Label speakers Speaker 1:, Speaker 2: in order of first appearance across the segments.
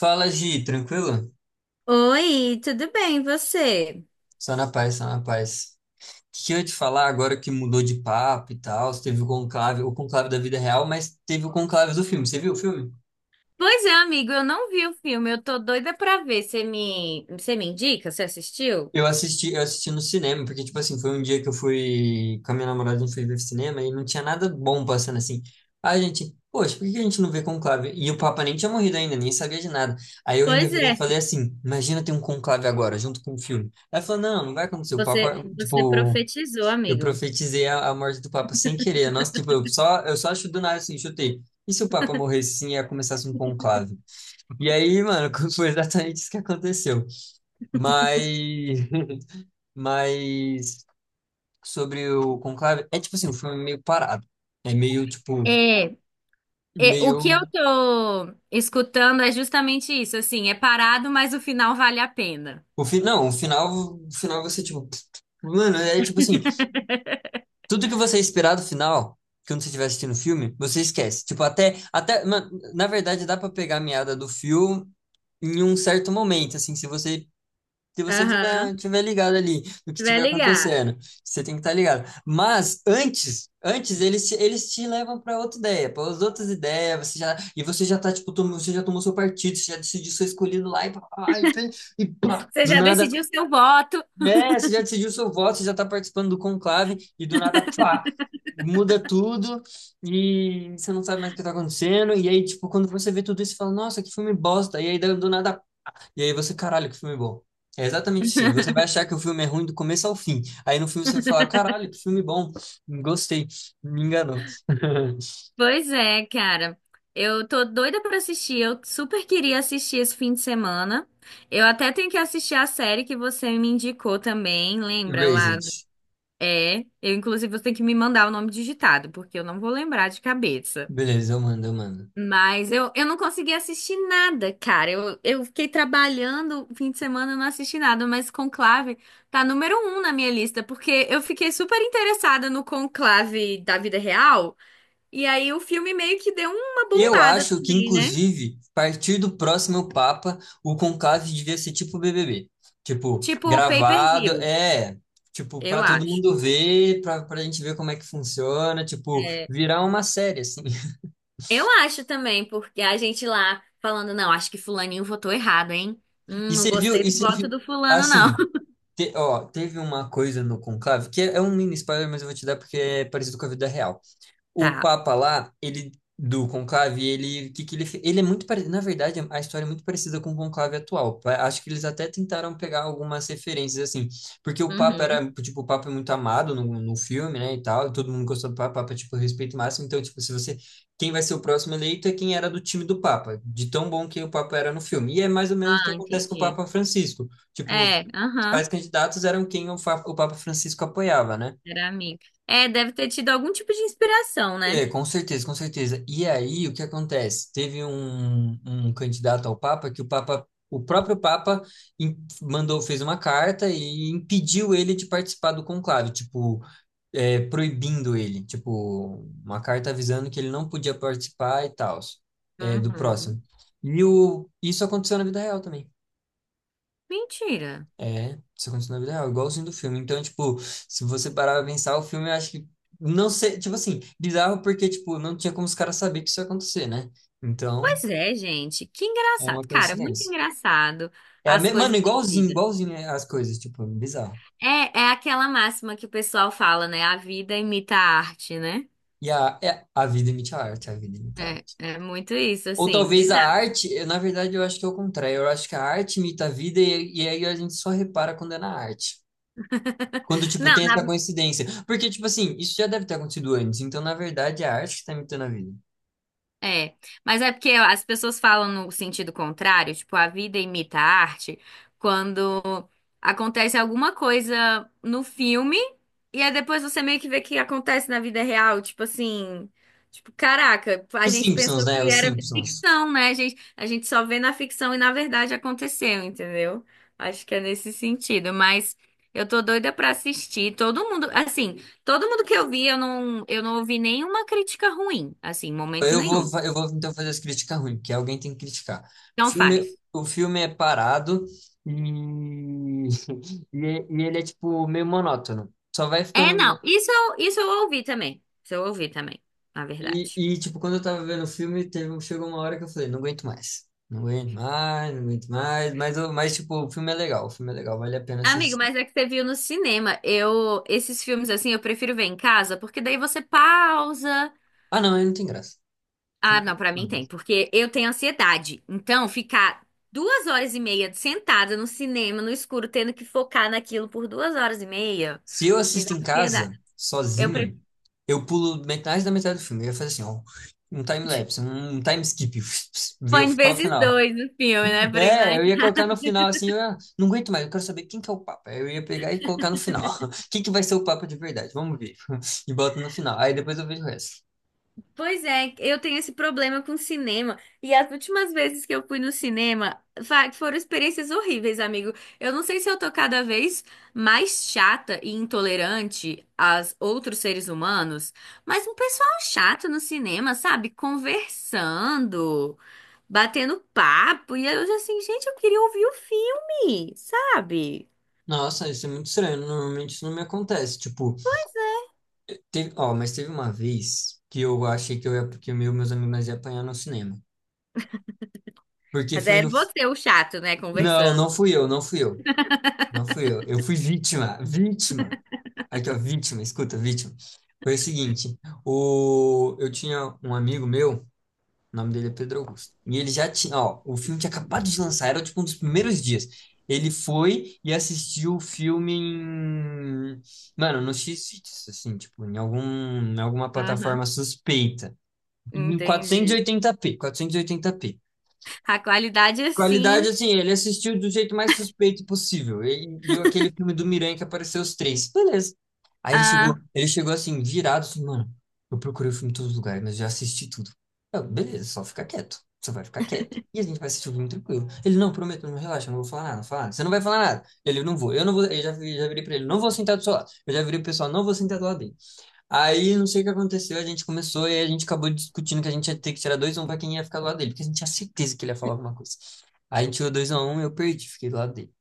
Speaker 1: Fala, Gi, tranquilo?
Speaker 2: Oi, tudo bem, e você?
Speaker 1: Só na paz, só na paz. O que que eu ia te falar agora que mudou de papo e tal? Teve o conclave da vida real, mas teve o conclave do filme. Você viu o filme?
Speaker 2: Pois é, amigo, eu não vi o filme, eu tô doida pra ver. Você me indica? Você assistiu?
Speaker 1: Eu assisti no cinema, porque, tipo assim, foi um dia que eu fui com a minha namorada, a gente foi ver cinema e não tinha nada bom passando assim. Aí a gente, poxa, por que que a gente não vê conclave? E o Papa nem tinha morrido ainda, nem sabia de nada. Aí eu ainda
Speaker 2: Pois
Speaker 1: virei e
Speaker 2: é,
Speaker 1: falei assim: imagina ter um conclave agora, junto com o filme. Aí ela falou: não, não vai acontecer. O
Speaker 2: você,
Speaker 1: Papa,
Speaker 2: você
Speaker 1: tipo,
Speaker 2: profetizou,
Speaker 1: eu
Speaker 2: amigo.
Speaker 1: profetizei a morte do Papa sem querer. Nossa, tipo, eu só acho do nada assim, chutei. E se o Papa morresse sim, e ia começasse um conclave? E aí, mano, foi exatamente isso que aconteceu. Mas, mas sobre o conclave, é tipo assim, o filme é meio parado. É meio, tipo,
Speaker 2: É, é, o
Speaker 1: meio.
Speaker 2: que eu tô escutando é justamente isso, assim, é parado, mas o final vale a pena.
Speaker 1: Não, o final você, tipo, mano, é tipo assim, tudo que você esperar do final, que quando você estiver assistindo o filme, você esquece. Tipo, até, mano, na verdade, dá pra pegar a meada do filme em um certo momento, assim, se você
Speaker 2: Aham,
Speaker 1: tiver ligado ali no que
Speaker 2: vai
Speaker 1: estiver
Speaker 2: ligado.
Speaker 1: acontecendo, você tem que estar ligado. Mas antes eles te levam para outra ideia, para as outras ideias, você já e você já tá tipo, você já tomou seu partido, você já decidiu seu escolhido lá e pá, pá, pá, e pá,
Speaker 2: Você
Speaker 1: do
Speaker 2: já
Speaker 1: nada
Speaker 2: decidiu seu voto.
Speaker 1: é, você já decidiu seu voto, você já está participando do conclave e do nada, pá, muda tudo e você não sabe mais o que está acontecendo. E aí, tipo, quando você vê tudo isso, você fala, nossa, que filme bosta. E aí, do nada, e aí você, caralho, que filme bom. É exatamente assim. Você vai achar que o filme é ruim do começo ao fim. Aí no filme você vai falar, caralho, que filme bom. Gostei. Me enganou.
Speaker 2: Pois é, cara. Eu tô doida pra assistir. Eu super queria assistir esse fim de semana. Eu até tenho que assistir a série que você me indicou também, lembra lá?
Speaker 1: Erased.
Speaker 2: É, eu inclusive você tem que me mandar o nome digitado, porque eu não vou lembrar de cabeça.
Speaker 1: Beleza, eu mando, eu mando.
Speaker 2: Mas eu não consegui assistir nada, cara. Eu fiquei trabalhando o fim de semana, eu não assisti nada, mas Conclave tá número 1 na minha lista, porque eu fiquei super interessada no Conclave da vida real. E aí o filme meio que deu uma
Speaker 1: Eu
Speaker 2: bombada
Speaker 1: acho que,
Speaker 2: também, né?
Speaker 1: inclusive, a partir do próximo Papa, o conclave devia ser tipo BBB. Tipo,
Speaker 2: Tipo o
Speaker 1: gravado,
Speaker 2: pay-per-view,
Speaker 1: é, tipo,
Speaker 2: eu
Speaker 1: para todo
Speaker 2: acho.
Speaker 1: mundo ver, para a gente ver como é que funciona, tipo,
Speaker 2: É,
Speaker 1: virar uma série, assim.
Speaker 2: eu acho também, porque a gente lá falando, não, acho que fulaninho votou errado, hein?
Speaker 1: E
Speaker 2: Não
Speaker 1: você viu,
Speaker 2: gostei
Speaker 1: e
Speaker 2: do
Speaker 1: você
Speaker 2: voto
Speaker 1: viu,
Speaker 2: do fulano, não.
Speaker 1: assim, ó, teve uma coisa no conclave, que é um mini spoiler, mas eu vou te dar porque é parecido com a vida real. O
Speaker 2: Tá.
Speaker 1: Papa lá, ele do Conclave, ele que ele é muito parecido, na verdade, a história é muito parecida com o Conclave atual. Acho que eles até tentaram pegar algumas referências assim, porque o Papa
Speaker 2: Uhum.
Speaker 1: era, tipo, o Papa é muito amado no filme, né, e tal, e todo mundo gostou do Papa, o Papa é, tipo respeito máximo, então tipo, se você quem vai ser o próximo eleito é quem era do time do Papa, de tão bom que o Papa era no filme. E é mais ou menos o que
Speaker 2: Ah,
Speaker 1: acontece com o
Speaker 2: entendi.
Speaker 1: Papa Francisco. Tipo, os
Speaker 2: É, aham.
Speaker 1: principais candidatos eram quem o Papa Francisco apoiava, né?
Speaker 2: Era amigo. É, deve ter tido algum tipo de inspiração,
Speaker 1: É,
Speaker 2: né?
Speaker 1: com certeza, com certeza. E aí, o que acontece? Teve um candidato ao Papa que o Papa, o próprio Papa im- mandou, fez uma carta e impediu ele de participar do conclave, tipo, é, proibindo ele, tipo, uma carta avisando que ele não podia participar e tal, é, do próximo.
Speaker 2: Uhum.
Speaker 1: Isso aconteceu na vida real também.
Speaker 2: Mentira.
Speaker 1: É, isso aconteceu na vida real, igualzinho do filme. Então, tipo, se você parar pra pensar, o filme eu acho que não sei, tipo assim, bizarro porque, tipo, não tinha como os caras saber que isso ia acontecer, né? Então,
Speaker 2: Pois é, gente. Que
Speaker 1: é uma
Speaker 2: engraçado. Cara, muito
Speaker 1: coincidência.
Speaker 2: engraçado as
Speaker 1: Mano,
Speaker 2: coisas da
Speaker 1: igualzinho,
Speaker 2: vida.
Speaker 1: igualzinho é, as coisas, tipo, bizarro.
Speaker 2: É, é aquela máxima que o pessoal fala, né? A vida imita a arte, né?
Speaker 1: A vida imita a arte, a vida imita a
Speaker 2: É,
Speaker 1: arte.
Speaker 2: é muito isso,
Speaker 1: Ou
Speaker 2: assim,
Speaker 1: talvez a
Speaker 2: bizarro.
Speaker 1: arte, eu, na verdade, eu acho que é o contrário. Eu acho que a arte imita a vida e aí a gente só repara quando é na arte. Quando, tipo,
Speaker 2: Não,
Speaker 1: tem
Speaker 2: na
Speaker 1: essa coincidência. Porque, tipo assim, isso já deve ter acontecido antes. Então, na verdade, é a arte que tá imitando a vida.
Speaker 2: é, mas é porque as pessoas falam no sentido contrário, tipo, a vida imita a arte, quando acontece alguma coisa no filme e aí depois você meio que vê que acontece na vida real, tipo assim, tipo, caraca, a
Speaker 1: Os
Speaker 2: gente
Speaker 1: Simpsons,
Speaker 2: pensou
Speaker 1: né?
Speaker 2: que
Speaker 1: Os
Speaker 2: era
Speaker 1: Simpsons.
Speaker 2: ficção, né? A gente só vê na ficção e na verdade aconteceu, entendeu? Acho que é nesse sentido, mas eu tô doida pra assistir. Todo mundo que eu vi, eu não ouvi nenhuma crítica ruim, assim, em momento
Speaker 1: Eu vou,
Speaker 2: nenhum.
Speaker 1: fa- eu vou então fazer as críticas ruins, porque alguém tem que criticar.
Speaker 2: Não faz.
Speaker 1: O filme é parado e, e, é- e ele é, tipo, meio monótono. Só vai
Speaker 2: É,
Speaker 1: ficando...
Speaker 2: não.
Speaker 1: mo-
Speaker 2: Isso eu ouvi também. Isso eu ouvi também, na
Speaker 1: E,
Speaker 2: verdade.
Speaker 1: e, tipo, quando eu tava vendo o filme, chegou uma hora que eu falei, não aguento mais. Não aguento mais, não aguento mais. Mas, tipo, o filme é legal. O filme é legal, vale a pena
Speaker 2: Amigo,
Speaker 1: assistir.
Speaker 2: mas é que você viu no cinema. Eu, esses filmes assim, eu prefiro ver em casa, porque daí você pausa.
Speaker 1: Ah, não, ele não tem graça. Tem
Speaker 2: Ah,
Speaker 1: que-
Speaker 2: não, pra mim tem, porque eu tenho ansiedade. Então, ficar 2 horas e meia sentada no cinema, no escuro, tendo que focar naquilo por 2 horas e meia,
Speaker 1: Se eu
Speaker 2: me dá
Speaker 1: assisto em casa,
Speaker 2: ansiedade. Eu prefiro.
Speaker 1: sozinho, eu pulo metade da metade do filme. Eu ia fazer assim, ó, um time-lapse, um time skip,
Speaker 2: Põe
Speaker 1: só o
Speaker 2: vezes
Speaker 1: final.
Speaker 2: dois no filme, né? Pra ir
Speaker 1: É,
Speaker 2: mais
Speaker 1: eu ia colocar no final assim, não aguento mais, eu quero saber quem que é o Papa. Eu ia pegar e colocar no final. Quem que vai ser o Papa de verdade? Vamos ver. E boto no final. Aí depois eu vejo o resto.
Speaker 2: Pois é, eu tenho esse problema com cinema. E as últimas vezes que eu fui no cinema foram experiências horríveis, amigo. Eu não sei se eu tô cada vez mais chata e intolerante aos outros seres humanos, mas um pessoal chato no cinema, sabe? Conversando, batendo papo. E eu assim, gente, eu queria ouvir o filme, sabe?
Speaker 1: Nossa, isso é muito estranho. Normalmente isso não me acontece. Tipo, teve, ó, mas teve uma vez que eu achei que que eu e meus amigos nós ia apanhar no cinema. Porque
Speaker 2: Mas
Speaker 1: foi
Speaker 2: era
Speaker 1: no.
Speaker 2: você o chato, né?
Speaker 1: Não,
Speaker 2: Conversando.
Speaker 1: não fui eu, não fui eu. Não fui eu. Eu fui vítima. Vítima. Aqui, ó, vítima. Escuta, vítima. Foi o seguinte. Eu tinha um amigo meu, o nome dele é Pedro Augusto. E ele já tinha, ó, o filme tinha acabado de lançar, era tipo um dos primeiros dias. Ele foi e assistiu o filme mano, no X-Vídeos, assim, tipo, em alguma
Speaker 2: Aham.
Speaker 1: plataforma suspeita. E em
Speaker 2: Entendi.
Speaker 1: 480p, 480p.
Speaker 2: A qualidade é
Speaker 1: Qualidade,
Speaker 2: assim.
Speaker 1: assim, ele assistiu do jeito mais suspeito possível. Ele viu aquele filme do Miranha que apareceu os três. Beleza. Aí
Speaker 2: Ah,
Speaker 1: ele chegou assim, virado, assim, mano, eu procurei o filme em todos os lugares, mas já assisti tudo. Eu, beleza, só fica quieto. Você vai ficar quieto. E a gente vai assistir o filme tranquilo. Ele, não, prometo, não relaxa, eu não vou falar nada, não vou falar nada. Você não vai falar nada. Ele, não vou, eu não vou. Já virei pra ele, não vou sentar do seu lado. Eu já virei pro pessoal, não vou sentar do lado dele. Aí não sei o que aconteceu, a gente começou e a gente acabou discutindo que a gente ia ter que tirar dois x 1 pra quem ia ficar do lado dele, porque a gente tinha certeza que ele ia falar alguma coisa. Aí a gente tirou dois x 1 e eu perdi, fiquei do lado dele.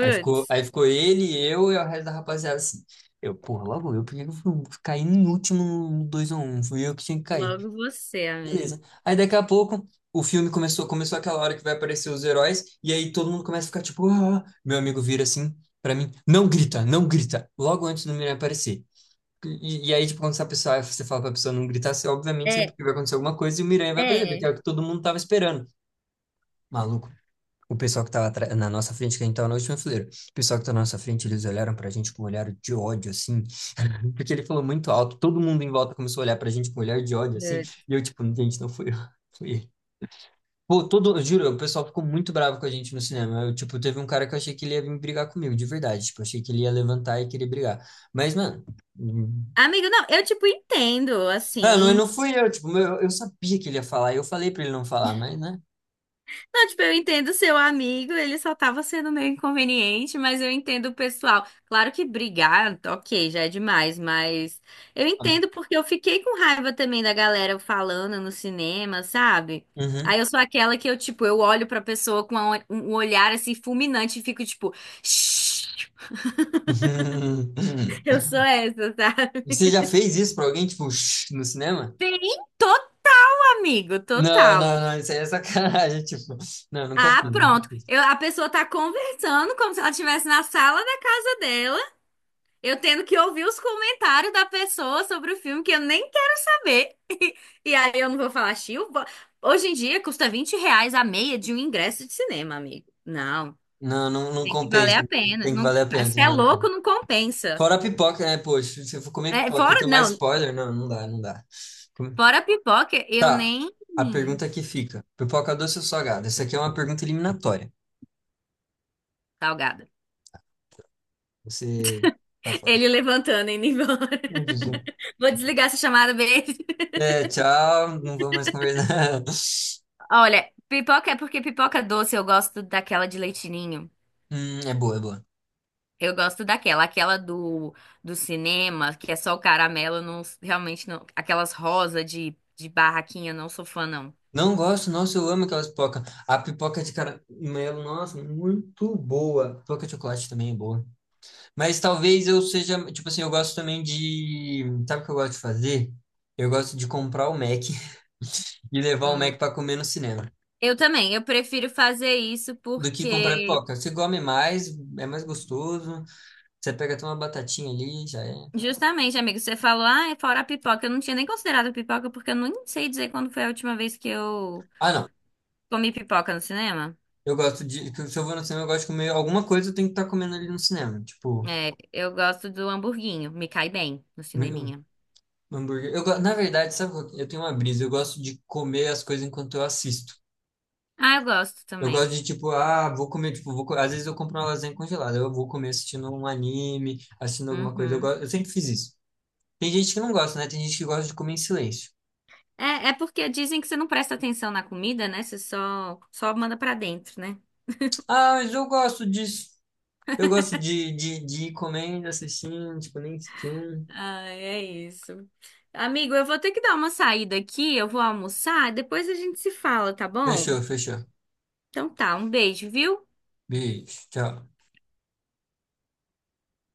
Speaker 1: Aí ficou, aí ficou ele, eu e o resto da rapaziada assim. Eu, porra, logo eu, porque eu fui cair no último no 2x1, fui eu que tinha que cair.
Speaker 2: logo você, amigo.
Speaker 1: Beleza. Aí daqui a pouco o filme começou, começou aquela hora que vai aparecer os heróis, e aí todo mundo começa a ficar tipo, ah, meu amigo vira assim. Pra mim, não grita, não grita, logo antes do Miranha aparecer. E aí, tipo, quando essa pessoa, você fala pra pessoa não gritar, você obviamente é
Speaker 2: É,
Speaker 1: porque vai acontecer alguma coisa e o Miranha vai perceber, que
Speaker 2: é.
Speaker 1: é o que todo mundo tava esperando. Maluco, o pessoal que tava na nossa frente, que a gente tava na última fileira, o pessoal que tá na nossa frente, eles olharam pra gente com um olhar de ódio, assim, porque ele falou muito alto, todo mundo em volta começou a olhar pra gente com um olhar de ódio, assim,
Speaker 2: Putz.
Speaker 1: e eu, tipo, gente, não foi eu, foi ele. Pô, todo, eu juro, o pessoal ficou muito bravo com a gente no cinema. Eu, tipo, teve um cara que eu achei que ele ia vir brigar comigo, de verdade. Tipo, achei que ele ia levantar e querer brigar. Mas, mano.
Speaker 2: Amigo, não, eu, tipo, entendo,
Speaker 1: Ah, não, não
Speaker 2: assim.
Speaker 1: fui eu, tipo, eu sabia que ele ia falar, eu falei pra ele não falar, mas, né?
Speaker 2: Não, tipo, eu entendo seu amigo, ele só tava sendo meio inconveniente, mas eu entendo o pessoal. Claro que brigar, ok, já é demais, mas eu entendo porque eu fiquei com raiva também da galera falando no cinema, sabe?
Speaker 1: Uhum.
Speaker 2: Aí eu sou aquela que eu, tipo, eu olho pra pessoa com um olhar, assim, fulminante e fico, tipo, "Shh". Eu sou essa, sabe?
Speaker 1: Você já fez isso pra alguém, tipo, shh, no cinema?
Speaker 2: Sim, amigo,
Speaker 1: Não, não,
Speaker 2: total.
Speaker 1: não, isso aí é sacanagem, tipo, não, nunca
Speaker 2: Ah,
Speaker 1: fiz, nunca
Speaker 2: pronto.
Speaker 1: fiz.
Speaker 2: A pessoa tá conversando como se ela estivesse na sala da casa dela, eu tendo que ouvir os comentários da pessoa sobre o filme que eu nem quero saber. E aí eu não vou falar, Chiu. Hoje em dia custa R$ 20 a meia de um ingresso de cinema, amigo. Não,
Speaker 1: Não, não, não
Speaker 2: tem que valer
Speaker 1: compensa,
Speaker 2: a
Speaker 1: não,
Speaker 2: pena.
Speaker 1: tem que
Speaker 2: Não,
Speaker 1: valer a pena,
Speaker 2: se
Speaker 1: tem que
Speaker 2: é
Speaker 1: valer a pena.
Speaker 2: louco, não compensa.
Speaker 1: Fora a pipoca, né, poxa, se eu for comer
Speaker 2: É,
Speaker 1: pipoca e
Speaker 2: fora,
Speaker 1: tomar
Speaker 2: não,
Speaker 1: spoiler, não, não dá, não dá. Come-
Speaker 2: fora a pipoca, eu
Speaker 1: Tá,
Speaker 2: nem.
Speaker 1: a pergunta que fica, pipoca doce ou salgada? Essa aqui é uma pergunta eliminatória,
Speaker 2: Salgada.
Speaker 1: você tá fora.
Speaker 2: Ele levantando e indo embora.
Speaker 1: Meu Deus.
Speaker 2: Vou desligar essa chamada, beijo.
Speaker 1: É, tchau, não vou mais conversar.
Speaker 2: Olha, pipoca é porque pipoca doce eu gosto daquela de leitinho.
Speaker 1: É boa, é boa.
Speaker 2: Eu gosto daquela, aquela do cinema, que é só o caramelo, eu não, realmente não, aquelas rosa de barraquinha, não sou fã não.
Speaker 1: Não gosto, nossa, eu amo aquelas pipocas. A pipoca de caramelo, nossa, muito boa. Pipoca de chocolate também é boa. Mas talvez eu seja, tipo assim, eu gosto também de. Sabe o que eu gosto de fazer? Eu gosto de comprar o Mac e levar o
Speaker 2: Hum,
Speaker 1: Mac pra comer no cinema.
Speaker 2: eu também, eu prefiro fazer isso
Speaker 1: Do que comprar
Speaker 2: porque
Speaker 1: pipoca. Você come mais, é mais gostoso. Você pega até uma batatinha ali, já é.
Speaker 2: justamente, amigo, você falou, ah, é fora a pipoca, eu não tinha nem considerado a pipoca porque eu não sei dizer quando foi a última vez que eu
Speaker 1: Ah, não.
Speaker 2: comi pipoca no cinema.
Speaker 1: Eu gosto de. Se eu vou no cinema, eu gosto de comer alguma coisa, eu tenho que estar comendo ali no cinema. Tipo.
Speaker 2: É, eu gosto do hamburguinho, me cai bem no
Speaker 1: Meu,
Speaker 2: cineminha.
Speaker 1: hambúrguer. Na verdade, sabe, eu tenho uma brisa, eu gosto de comer as coisas enquanto eu assisto.
Speaker 2: Ah, eu gosto
Speaker 1: Eu gosto
Speaker 2: também.
Speaker 1: de, tipo, ah, vou comer, tipo, às vezes eu compro uma lasanha congelada, eu vou comer assistindo um anime, assistindo alguma coisa, eu, go-
Speaker 2: Uhum.
Speaker 1: eu sempre fiz isso. Tem gente que não gosta, né? Tem gente que gosta de comer em silêncio.
Speaker 2: É, é porque dizem que você não presta atenção na comida, né? Você só manda pra dentro, né?
Speaker 1: Ah, mas eu gosto disso. Eu gosto de ir comendo, assistindo, tipo, nem um.
Speaker 2: Ah, é isso. Amigo, eu vou ter que dar uma saída aqui, eu vou almoçar, depois a gente se fala, tá bom?
Speaker 1: Fechou, fechou.
Speaker 2: Então tá, um beijo, viu?
Speaker 1: Beijo, tchau.